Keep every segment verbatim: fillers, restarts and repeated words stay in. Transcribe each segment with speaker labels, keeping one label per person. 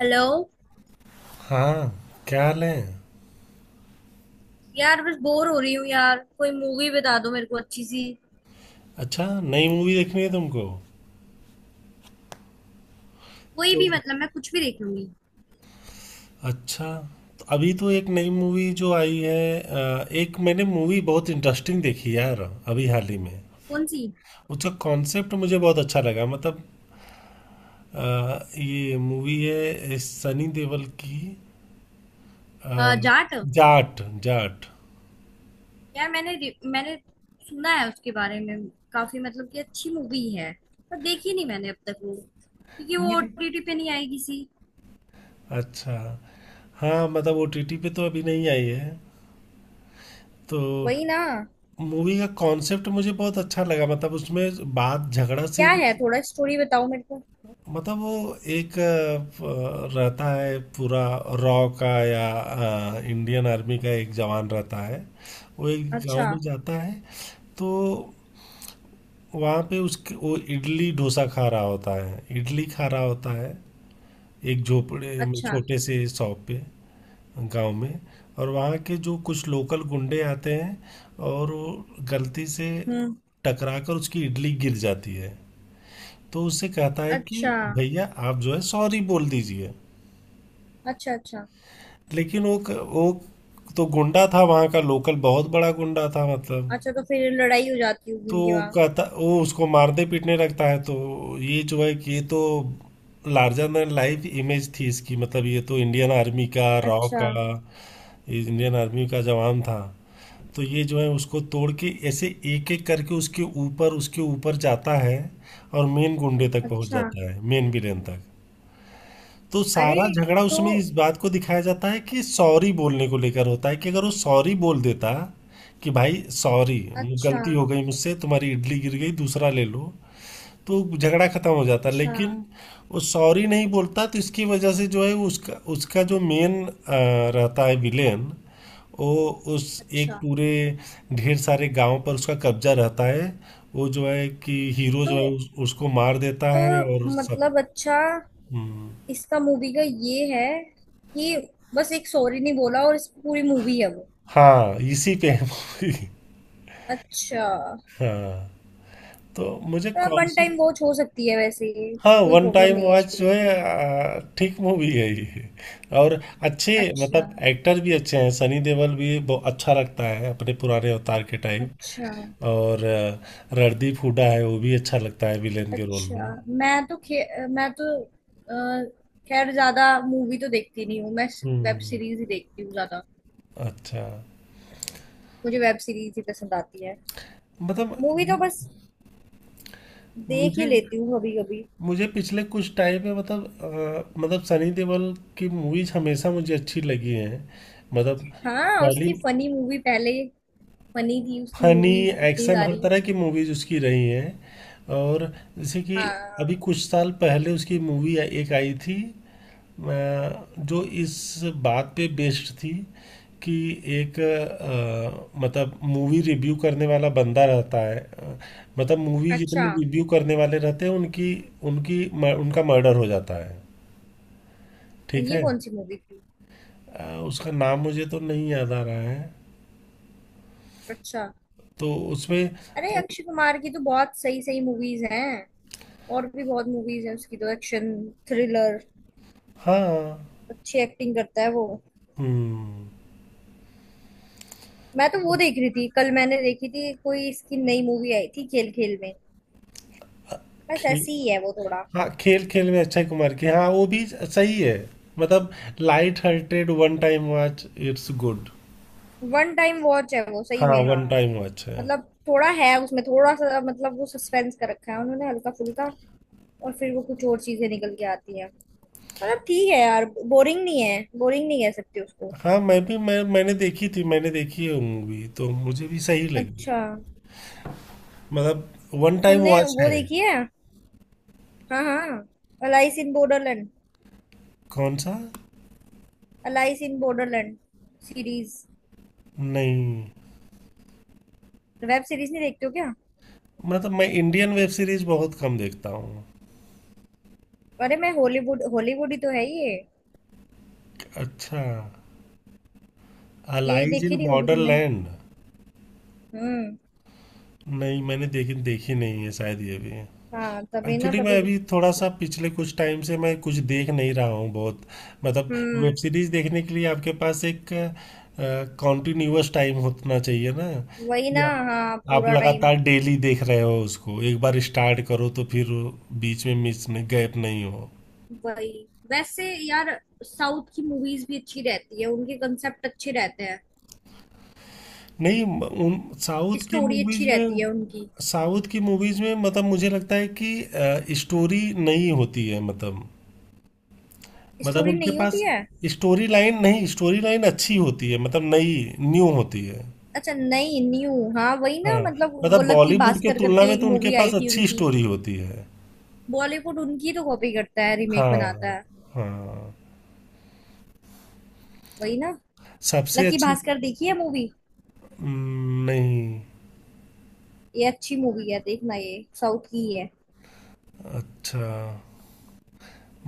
Speaker 1: Hello.
Speaker 2: हाँ। क्या हाल है?
Speaker 1: यार, बस बोर हो रही हूँ यार। कोई मूवी बता दो मेरे को अच्छी सी।
Speaker 2: अच्छा, नई मूवी देखनी है तुमको?
Speaker 1: कोई
Speaker 2: तो।
Speaker 1: भी, मतलब मैं कुछ भी देख लूंगी।
Speaker 2: अच्छा। तो अभी तो एक नई मूवी जो आई है, अ, एक मैंने मूवी बहुत इंटरेस्टिंग देखी यार अभी हाल ही में।
Speaker 1: कौन सी?
Speaker 2: उसका कॉन्सेप्ट मुझे बहुत अच्छा लगा मतलब। अ, ये मूवी है सनी देओल की। अ,
Speaker 1: अ, जाट।
Speaker 2: जाट। जाट।
Speaker 1: यार, मैंने रि- मैंने सुना है उसके बारे में काफी, मतलब कि अच्छी मूवी है। पर देखी नहीं मैंने अब तक वो, क्योंकि
Speaker 2: नहीं
Speaker 1: वो
Speaker 2: नहीं।
Speaker 1: ओटीटी पे नहीं आएगी सी।
Speaker 2: अच्छा। हाँ, मतलब ओटीटी पे तो अभी नहीं आई है। तो
Speaker 1: वही ना।
Speaker 2: मूवी का कॉन्सेप्ट मुझे बहुत अच्छा लगा, मतलब उसमें बात झगड़ा से
Speaker 1: क्या
Speaker 2: भी।
Speaker 1: है, थोड़ा स्टोरी बताओ मेरे को।
Speaker 2: मतलब वो एक अ, प- रहता है पूरा। रॉ का या अ, इंडियन आर्मी का एक जवान रहता है। वो एक गांव
Speaker 1: अच्छा।
Speaker 2: में जाता है। तो वहाँ पे उसके वो इडली डोसा खा रहा होता है, इडली खा रहा होता है एक झोपड़े में
Speaker 1: अच्छा।
Speaker 2: छोटे से शॉप पे, गांव में। और वहाँ के जो कुछ लोकल गुंडे आते हैं, और वो गलती से
Speaker 1: हम्म।
Speaker 2: टकरा कर उसकी इडली गिर जाती है। तो उससे कहता है कि
Speaker 1: अच्छा।
Speaker 2: भैया, आप जो है सॉरी बोल दीजिए।
Speaker 1: अच्छा। अच्छा।
Speaker 2: लेकिन वो क- वो तो गुंडा था, वहाँ का लोकल बहुत बड़ा गुंडा था, मतलब।
Speaker 1: अच्छा, तो फिर लड़ाई हो जाती होगी
Speaker 2: तो
Speaker 1: उनके
Speaker 2: वो
Speaker 1: वहाँ।
Speaker 2: कहता, वो उसको मारने पीटने लगता है तो। ये जो है कि ये तो लार्जर देन लाइफ इमेज थी इसकी, मतलब ये तो इंडियन आर्मी का रॉ
Speaker 1: अच्छा।
Speaker 2: का, ये इंडियन आर्मी का जवान था। तो ये जो है उसको तोड़ के ऐसे एक एक करके उसके ऊपर उसके ऊपर जाता है। और मेन गुंडे तक पहुंच
Speaker 1: अच्छा।
Speaker 2: जाता है, मेन विलेन तक। तो
Speaker 1: अरे,
Speaker 2: सारा झगड़ा
Speaker 1: तो।
Speaker 2: उसमें इस बात को दिखाया जाता है कि सॉरी बोलने को लेकर होता है, कि अगर वो सॉरी बोल देता कि भाई सॉरी,
Speaker 1: अच्छा।
Speaker 2: गलती हो गई मुझसे, तुम्हारी इडली गिर गई, दूसरा ले लो, तो झगड़ा खत्म हो जाता,
Speaker 1: अच्छा।
Speaker 2: लेकिन वो सॉरी नहीं बोलता। तो इसकी वजह से जो है उसका उसका जो मेन रहता है विलेन, वो उस एक
Speaker 1: अच्छा।
Speaker 2: पूरे ढेर सारे गांव पर उसका कब्जा रहता है। वो जो है कि हीरो जो है
Speaker 1: तो
Speaker 2: उस, उसको मार देता
Speaker 1: तो
Speaker 2: है, और सब।
Speaker 1: मतलब, अच्छा।
Speaker 2: हम्म।
Speaker 1: इसका मूवी का ये है कि बस एक सॉरी नहीं बोला और इस पूरी मूवी है वो।
Speaker 2: हाँ, इसी पे है मूवी।
Speaker 1: अच्छा।
Speaker 2: हाँ, तो मुझे
Speaker 1: वन टाइम
Speaker 2: कॉन्सेप्ट।
Speaker 1: वॉच हो सकती है वैसे ये।
Speaker 2: हाँ,
Speaker 1: कोई
Speaker 2: वन
Speaker 1: प्रॉब्लम
Speaker 2: टाइम
Speaker 1: नहीं है
Speaker 2: वॉच
Speaker 1: इसको
Speaker 2: जो
Speaker 1: देखने
Speaker 2: है।
Speaker 1: में।
Speaker 2: आ, ठीक मूवी है ये। और अच्छे,
Speaker 1: अच्छा।
Speaker 2: मतलब एक्टर भी अच्छे हैं, सनी देओल भी बहुत अच्छा लगता है अपने पुराने अवतार के टाइम।
Speaker 1: अच्छा।
Speaker 2: और आ, रणदीप हुड्डा है, वो भी अच्छा लगता है विलेन के रोल
Speaker 1: अच्छा।
Speaker 2: में।
Speaker 1: मैं तो खे, मैं तो अ, खैर, ज्यादा मूवी तो देखती नहीं हूँ मैं। Web
Speaker 2: hmm.
Speaker 1: सीरीज ही देखती हूँ ज्यादा।
Speaker 2: अच्छा।
Speaker 1: मुझे वेब सीरीज ही पसंद आती है।
Speaker 2: मतलब
Speaker 1: मूवी तो बस देख ही
Speaker 2: मुझे
Speaker 1: लेती हूँ कभी कभी।
Speaker 2: मुझे पिछले कुछ टाइम में, मतलब अ, मतलब सनी देओल की मूवीज हमेशा मुझे अच्छी लगी हैं, मतलब।
Speaker 1: हाँ,
Speaker 2: पहली,
Speaker 1: उसकी फनी मूवी पहले फनी थी, उसकी
Speaker 2: फनी,
Speaker 1: मूवीज इतनी
Speaker 2: एक्शन, हर
Speaker 1: सारी।
Speaker 2: तरह की मूवीज उसकी रही हैं। और जैसे कि अभी
Speaker 1: हाँ।
Speaker 2: कुछ साल पहले उसकी मूवी एक आई थी अ, जो इस बात पे बेस्ड थी कि एक अ, मतलब मूवी रिव्यू करने वाला बंदा रहता है, अ, मतलब मूवी
Speaker 1: अच्छा,
Speaker 2: जितने रिव्यू करने वाले रहते हैं उनकी, उनकी म- उनका मर्डर हो जाता है। ठीक
Speaker 1: ये
Speaker 2: है।
Speaker 1: कौन सी मूवी थी?
Speaker 2: अ, उसका नाम मुझे तो नहीं याद आ रहा है,
Speaker 1: अच्छा।
Speaker 2: तो उसमें
Speaker 1: अरे,
Speaker 2: तो।
Speaker 1: अक्षय कुमार की तो बहुत सही सही मूवीज हैं। और भी बहुत मूवीज हैं उसकी, तो एक्शन, थ्रिलर।
Speaker 2: हाँ।
Speaker 1: अच्छी एक्टिंग करता है वो।
Speaker 2: हम्म।
Speaker 1: मैं तो वो देख रही थी, कल मैंने देखी थी, कोई इसकी नई मूवी आई थी, खेल खेल में। बस
Speaker 2: खेल।
Speaker 1: ऐसी ही है वो, थोड़ा।
Speaker 2: हाँ, खेल खेल में अक्षय कुमार की, हाँ वो भी सही है, मतलब। Light hearted one time watch, it's good.
Speaker 1: One time watch है वो सही
Speaker 2: हाँ
Speaker 1: में,
Speaker 2: वन
Speaker 1: हाँ।
Speaker 2: हाँ टाइम वॉच है।
Speaker 1: मतलब थोड़ा है उसमें, थोड़ा सा मतलब, वो सस्पेंस कर रखा है उन्होंने हल्का फुल्का। और फिर वो कुछ और चीजें निकल के आती हैं। मतलब ठीक है यार, बोरिंग नहीं है, बोरिंग नहीं कह सकते उसको।
Speaker 2: हाँ मैं भी मैं मैंने देखी थी, मैंने देखी है मूवी तो मुझे भी सही लगी।
Speaker 1: अच्छा।
Speaker 2: मतलब वन टाइम
Speaker 1: तुमने
Speaker 2: वॉच
Speaker 1: वो
Speaker 2: है।
Speaker 1: देखी है? हाँ, हाँ। Alice in borderland.
Speaker 2: कौन सा?
Speaker 1: Alice in borderland series.
Speaker 2: नहीं,
Speaker 1: वेब सीरीज नहीं देखते हो क्या?
Speaker 2: मतलब मैं इंडियन वेब सीरीज बहुत कम देखता हूँ।
Speaker 1: अरे, मैं हॉलीवुड हॉलीवुड ही तो है ये।
Speaker 2: अच्छा।
Speaker 1: ये
Speaker 2: अलाइज इन
Speaker 1: देखी नहीं होगी तुमने।
Speaker 2: बॉर्डरलैंड।
Speaker 1: हम्म।
Speaker 2: नहीं, मैंने देखी, देखी नहीं है शायद ये भी।
Speaker 1: हाँ, तभी ना,
Speaker 2: एक्चुअली मैं
Speaker 1: तभी।
Speaker 2: अभी थोड़ा सा पिछले कुछ टाइम से मैं कुछ देख नहीं रहा हूँ बहुत, मतलब।
Speaker 1: हम्म।
Speaker 2: वेब सीरीज देखने के लिए आपके पास एक कॉन्टिन्यूअस टाइम होना चाहिए ना,
Speaker 1: वही
Speaker 2: कि
Speaker 1: ना। हाँ,
Speaker 2: आप आप
Speaker 1: पूरा टाइम।
Speaker 2: लगातार डेली देख रहे हो उसको, एक बार स्टार्ट करो तो फिर वो बीच में मिस नहीं, गैप नहीं हो।
Speaker 1: वही। वैसे यार, साउथ की मूवीज भी अच्छी रहती है, उनके कंसेप्ट अच्छे रहते हैं।
Speaker 2: नहीं, म- उन साउथ की
Speaker 1: स्टोरी अच्छी
Speaker 2: मूवीज में,
Speaker 1: रहती है उनकी।
Speaker 2: साउथ की मूवीज में मतलब मुझे लगता है कि स्टोरी नहीं होती है, मतलब मतलब
Speaker 1: स्टोरी
Speaker 2: उनके
Speaker 1: नहीं होती
Speaker 2: पास
Speaker 1: है?
Speaker 2: स्टोरी लाइन नहीं, स्टोरी लाइन अच्छी होती है, मतलब नई न्यू होती है।
Speaker 1: अच्छा, नहीं न्यू, हाँ वही
Speaker 2: हाँ।
Speaker 1: ना, मतलब वो
Speaker 2: मतलब
Speaker 1: लकी
Speaker 2: बॉलीवुड के
Speaker 1: भास्कर
Speaker 2: तुलना
Speaker 1: करके
Speaker 2: में
Speaker 1: एक
Speaker 2: तो उनके
Speaker 1: मूवी आई
Speaker 2: पास
Speaker 1: थी
Speaker 2: अच्छी
Speaker 1: उनकी।
Speaker 2: स्टोरी होती है।
Speaker 1: बॉलीवुड उनकी तो कॉपी करता है, रीमेक बनाता
Speaker 2: हाँ
Speaker 1: है।
Speaker 2: हाँ
Speaker 1: वही ना।
Speaker 2: सबसे
Speaker 1: लकी
Speaker 2: अच्छी।
Speaker 1: भास्कर देखी है मूवी?
Speaker 2: हम्म। नहीं।
Speaker 1: ये अच्छी मूवी है, देखना, ये साउथ की ही है।
Speaker 2: अच्छा।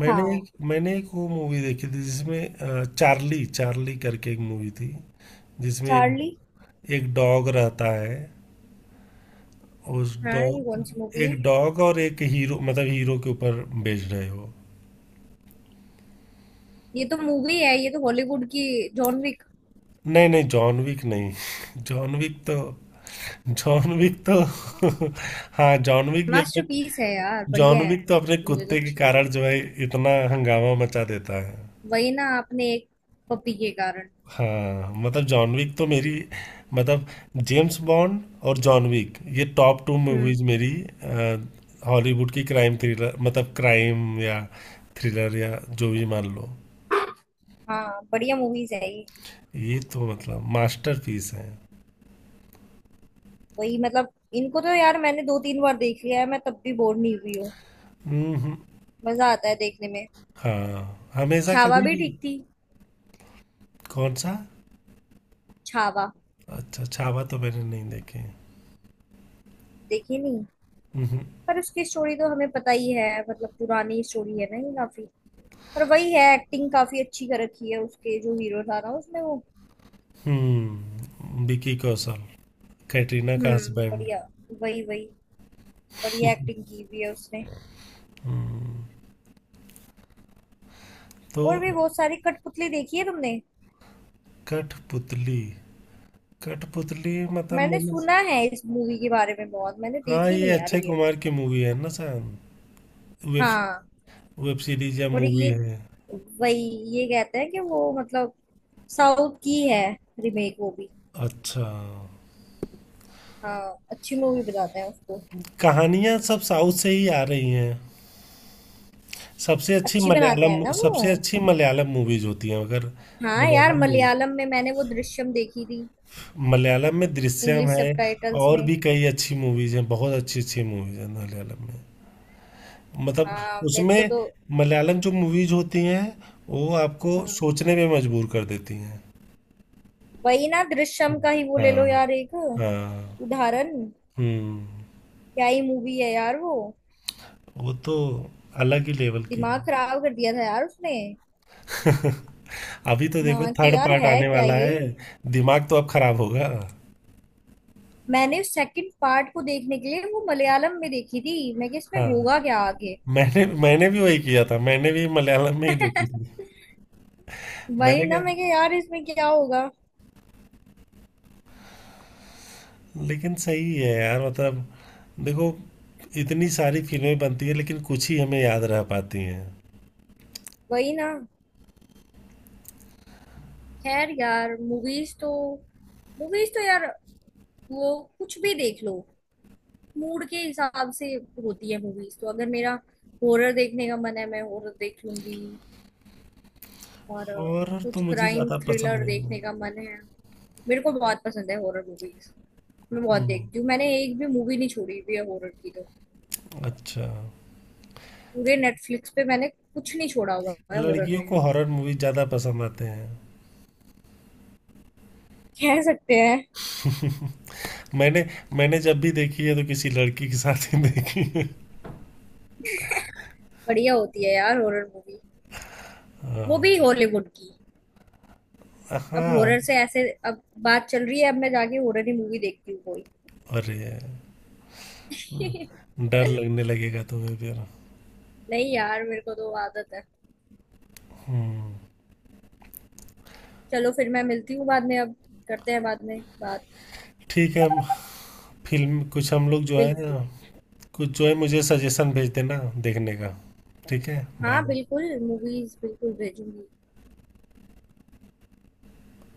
Speaker 2: मैंने एक
Speaker 1: हाँ।
Speaker 2: मैंने एक वो मूवी देखी थी जिसमें अ, चार्ली चार्ली करके एक मूवी थी, जिसमें एक,
Speaker 1: चार्ली?
Speaker 2: एक डॉग रहता है। उस
Speaker 1: हाँ, ये कौन सी
Speaker 2: डॉग
Speaker 1: मूवी
Speaker 2: एक
Speaker 1: है?
Speaker 2: डॉग और एक हीरो, मतलब हीरो के ऊपर बेस्ड है वो।
Speaker 1: ये तो मूवी है, ये तो हॉलीवुड की, जॉन विक।
Speaker 2: नहीं, नहीं, जॉन विक नहीं। जॉन विक तो। जॉन विक तो हाँ, जॉन विक भी अपने।
Speaker 1: मास्टरपीस है यार, बढ़िया
Speaker 2: जॉन
Speaker 1: है।
Speaker 2: विक तो अपने
Speaker 1: मुझे तो
Speaker 2: कुत्ते के
Speaker 1: अच्छी
Speaker 2: कारण
Speaker 1: लगी।
Speaker 2: जो है इतना हंगामा मचा देता है।
Speaker 1: वही ना, आपने एक पपी के कारण।
Speaker 2: हाँ, मतलब जॉन विक तो मेरी, मतलब जेम्स बॉन्ड और जॉन विक, ये टॉप टू
Speaker 1: हम्म,
Speaker 2: मूवीज मेरी अ, हॉलीवुड की क्राइम थ्रिलर, मतलब क्राइम या थ्रिलर या जो भी मान लो,
Speaker 1: हाँ, बढ़िया मूवीज है ये।
Speaker 2: ये तो मतलब मास्टरपीस है।
Speaker 1: वही मतलब, इनको तो यार मैंने दो तीन बार देख लिया है, मैं तब भी बोर नहीं हुई हूँ।
Speaker 2: हम्म हम्म।
Speaker 1: मजा आता है देखने में।
Speaker 2: हाँ हमेशा
Speaker 1: छावा
Speaker 2: कभी
Speaker 1: भी
Speaker 2: भी।
Speaker 1: ठीक थी।
Speaker 2: कौन सा?
Speaker 1: छावा।
Speaker 2: अच्छा, छावा तो मैंने नहीं देखे हैं।
Speaker 1: देखी नहीं?
Speaker 2: हम्म।
Speaker 1: पर उसकी स्टोरी तो हमें पता ही है, मतलब पुरानी स्टोरी है ना ये काफी। पर वही है, एक्टिंग काफी अच्छी कर रखी है, उसके जो हीरो था ना उसने, वो।
Speaker 2: हम्म, विकी कौशल, कैटरीना का
Speaker 1: हम्म,
Speaker 2: हस्बैंड।
Speaker 1: बढ़िया। वही वही। बढ़िया एक्टिंग की हुई है उसने।
Speaker 2: तो
Speaker 1: और भी बहुत सारी। कठपुतली देखी है तुमने?
Speaker 2: कठपुतली। कठपुतली मतलब
Speaker 1: मैंने
Speaker 2: मैंने,
Speaker 1: सुना है इस मूवी के बारे में बहुत, मैंने
Speaker 2: हाँ
Speaker 1: देखी
Speaker 2: ये
Speaker 1: नहीं यार
Speaker 2: अक्षय
Speaker 1: ये।
Speaker 2: कुमार की मूवी है ना शायद। वेब
Speaker 1: हाँ।
Speaker 2: वेब सीरीज या
Speaker 1: और
Speaker 2: मूवी
Speaker 1: ये,
Speaker 2: है।
Speaker 1: वही, ये कहते हैं कि वो मतलब साउथ की है, रीमेक वो भी।
Speaker 2: अच्छा।
Speaker 1: हाँ, अच्छी मूवी बताते हैं उसको।
Speaker 2: कहानियां सब साउथ से ही आ रही हैं। सबसे अच्छी
Speaker 1: अच्छी बनाते
Speaker 2: मलयालम
Speaker 1: हैं ना वो।
Speaker 2: सबसे अच्छी मलयालम मूवीज होती हैं अगर।
Speaker 1: हाँ यार,
Speaker 2: मलयालम मूवी
Speaker 1: मलयालम में मैंने वो दृश्यम देखी थी।
Speaker 2: मलयालम में दृश्यम
Speaker 1: इंग्लिश
Speaker 2: है।
Speaker 1: सबटाइटल्स
Speaker 2: और
Speaker 1: में।
Speaker 2: भी कई अच्छी मूवीज हैं, बहुत अच्छी अच्छी मूवीज हैं मलयालम में, मतलब
Speaker 1: हाँ, मेरे को
Speaker 2: उसमें
Speaker 1: तो।
Speaker 2: मलयालम जो मूवीज होती हैं वो आपको
Speaker 1: हम्म।
Speaker 2: सोचने पे मजबूर कर देती हैं।
Speaker 1: वही ना, दृश्यम का ही वो ले लो
Speaker 2: हाँ
Speaker 1: यार, एक
Speaker 2: हाँ।
Speaker 1: उदाहरण।
Speaker 2: हम्म,
Speaker 1: क्या ही मूवी है यार वो।
Speaker 2: वो तो अलग ही लेवल की
Speaker 1: दिमाग
Speaker 2: है।
Speaker 1: खराब कर दिया था यार उसने।
Speaker 2: अभी तो देखो
Speaker 1: हाँ कि
Speaker 2: थर्ड
Speaker 1: यार
Speaker 2: पार्ट
Speaker 1: है
Speaker 2: आने
Speaker 1: क्या
Speaker 2: वाला
Speaker 1: ये।
Speaker 2: है, दिमाग तो अब खराब होगा।
Speaker 1: मैंने सेकंड पार्ट को देखने के लिए वो मलयालम में देखी थी मैं, कि इसमें
Speaker 2: हाँ,
Speaker 1: होगा क्या आगे।
Speaker 2: मैंने मैंने भी वही किया था, मैंने भी मलयालम में ही देखी थी।
Speaker 1: वही
Speaker 2: मैंने
Speaker 1: ना,
Speaker 2: कहा,
Speaker 1: मैं कि यार इसमें क्या होगा।
Speaker 2: लेकिन सही है यार मतलब, देखो इतनी सारी फिल्में बनती है लेकिन कुछ ही हमें याद रह पाती हैं।
Speaker 1: वही ना। खैर यार, मूवीज तो मूवीज तो यार, वो कुछ भी देख लो। मूड के हिसाब से होती है मूवीज तो, अगर मेरा हॉरर देखने का मन है, मैं हॉरर देख लूंगी। और अ,
Speaker 2: हॉरर तो
Speaker 1: कुछ
Speaker 2: मुझे
Speaker 1: क्राइम
Speaker 2: ज़्यादा पसंद
Speaker 1: थ्रिलर
Speaker 2: नहीं है।
Speaker 1: देखने का मन है। मेरे को बहुत पसंद है हॉरर मूवीज। मैं बहुत
Speaker 2: हम्म।
Speaker 1: देखती हूँ, मैंने एक भी मूवी नहीं छोड़ी हुई है हॉरर की तो।
Speaker 2: अच्छा,
Speaker 1: पूरे नेटफ्लिक्स पे मैंने कुछ नहीं छोड़ा हुआ है हॉरर
Speaker 2: लड़कियों
Speaker 1: में।
Speaker 2: को हॉरर मूवी ज़्यादा पसंद आते हैं।
Speaker 1: कह सकते हैं।
Speaker 2: मैंने मैंने जब भी देखी है तो किसी लड़की के साथ ही देखी है।
Speaker 1: बढ़िया होती है यार हॉरर मूवी, वो
Speaker 2: हाँ
Speaker 1: भी हॉलीवुड की। अब
Speaker 2: हाँ।
Speaker 1: हॉरर से ऐसे, अब बात चल रही है, अब मैं जाके हॉरर ही मूवी देखती हूँ कोई।
Speaker 2: अरे, डर लगने लगेगा तुम्हें फिर।
Speaker 1: नहीं यार, मेरे को तो आदत है।
Speaker 2: हम्म।
Speaker 1: चलो फिर, मैं मिलती हूँ बाद में, अब करते हैं बाद में बात।
Speaker 2: ठीक है। फिल्म कुछ हम लोग जो है,
Speaker 1: बिल्कुल।
Speaker 2: कुछ जो है मुझे सजेशन भेज देना देखने का। ठीक है।
Speaker 1: हाँ
Speaker 2: बाय।
Speaker 1: बिल्कुल, मूवीज बिल्कुल भेजूंगी।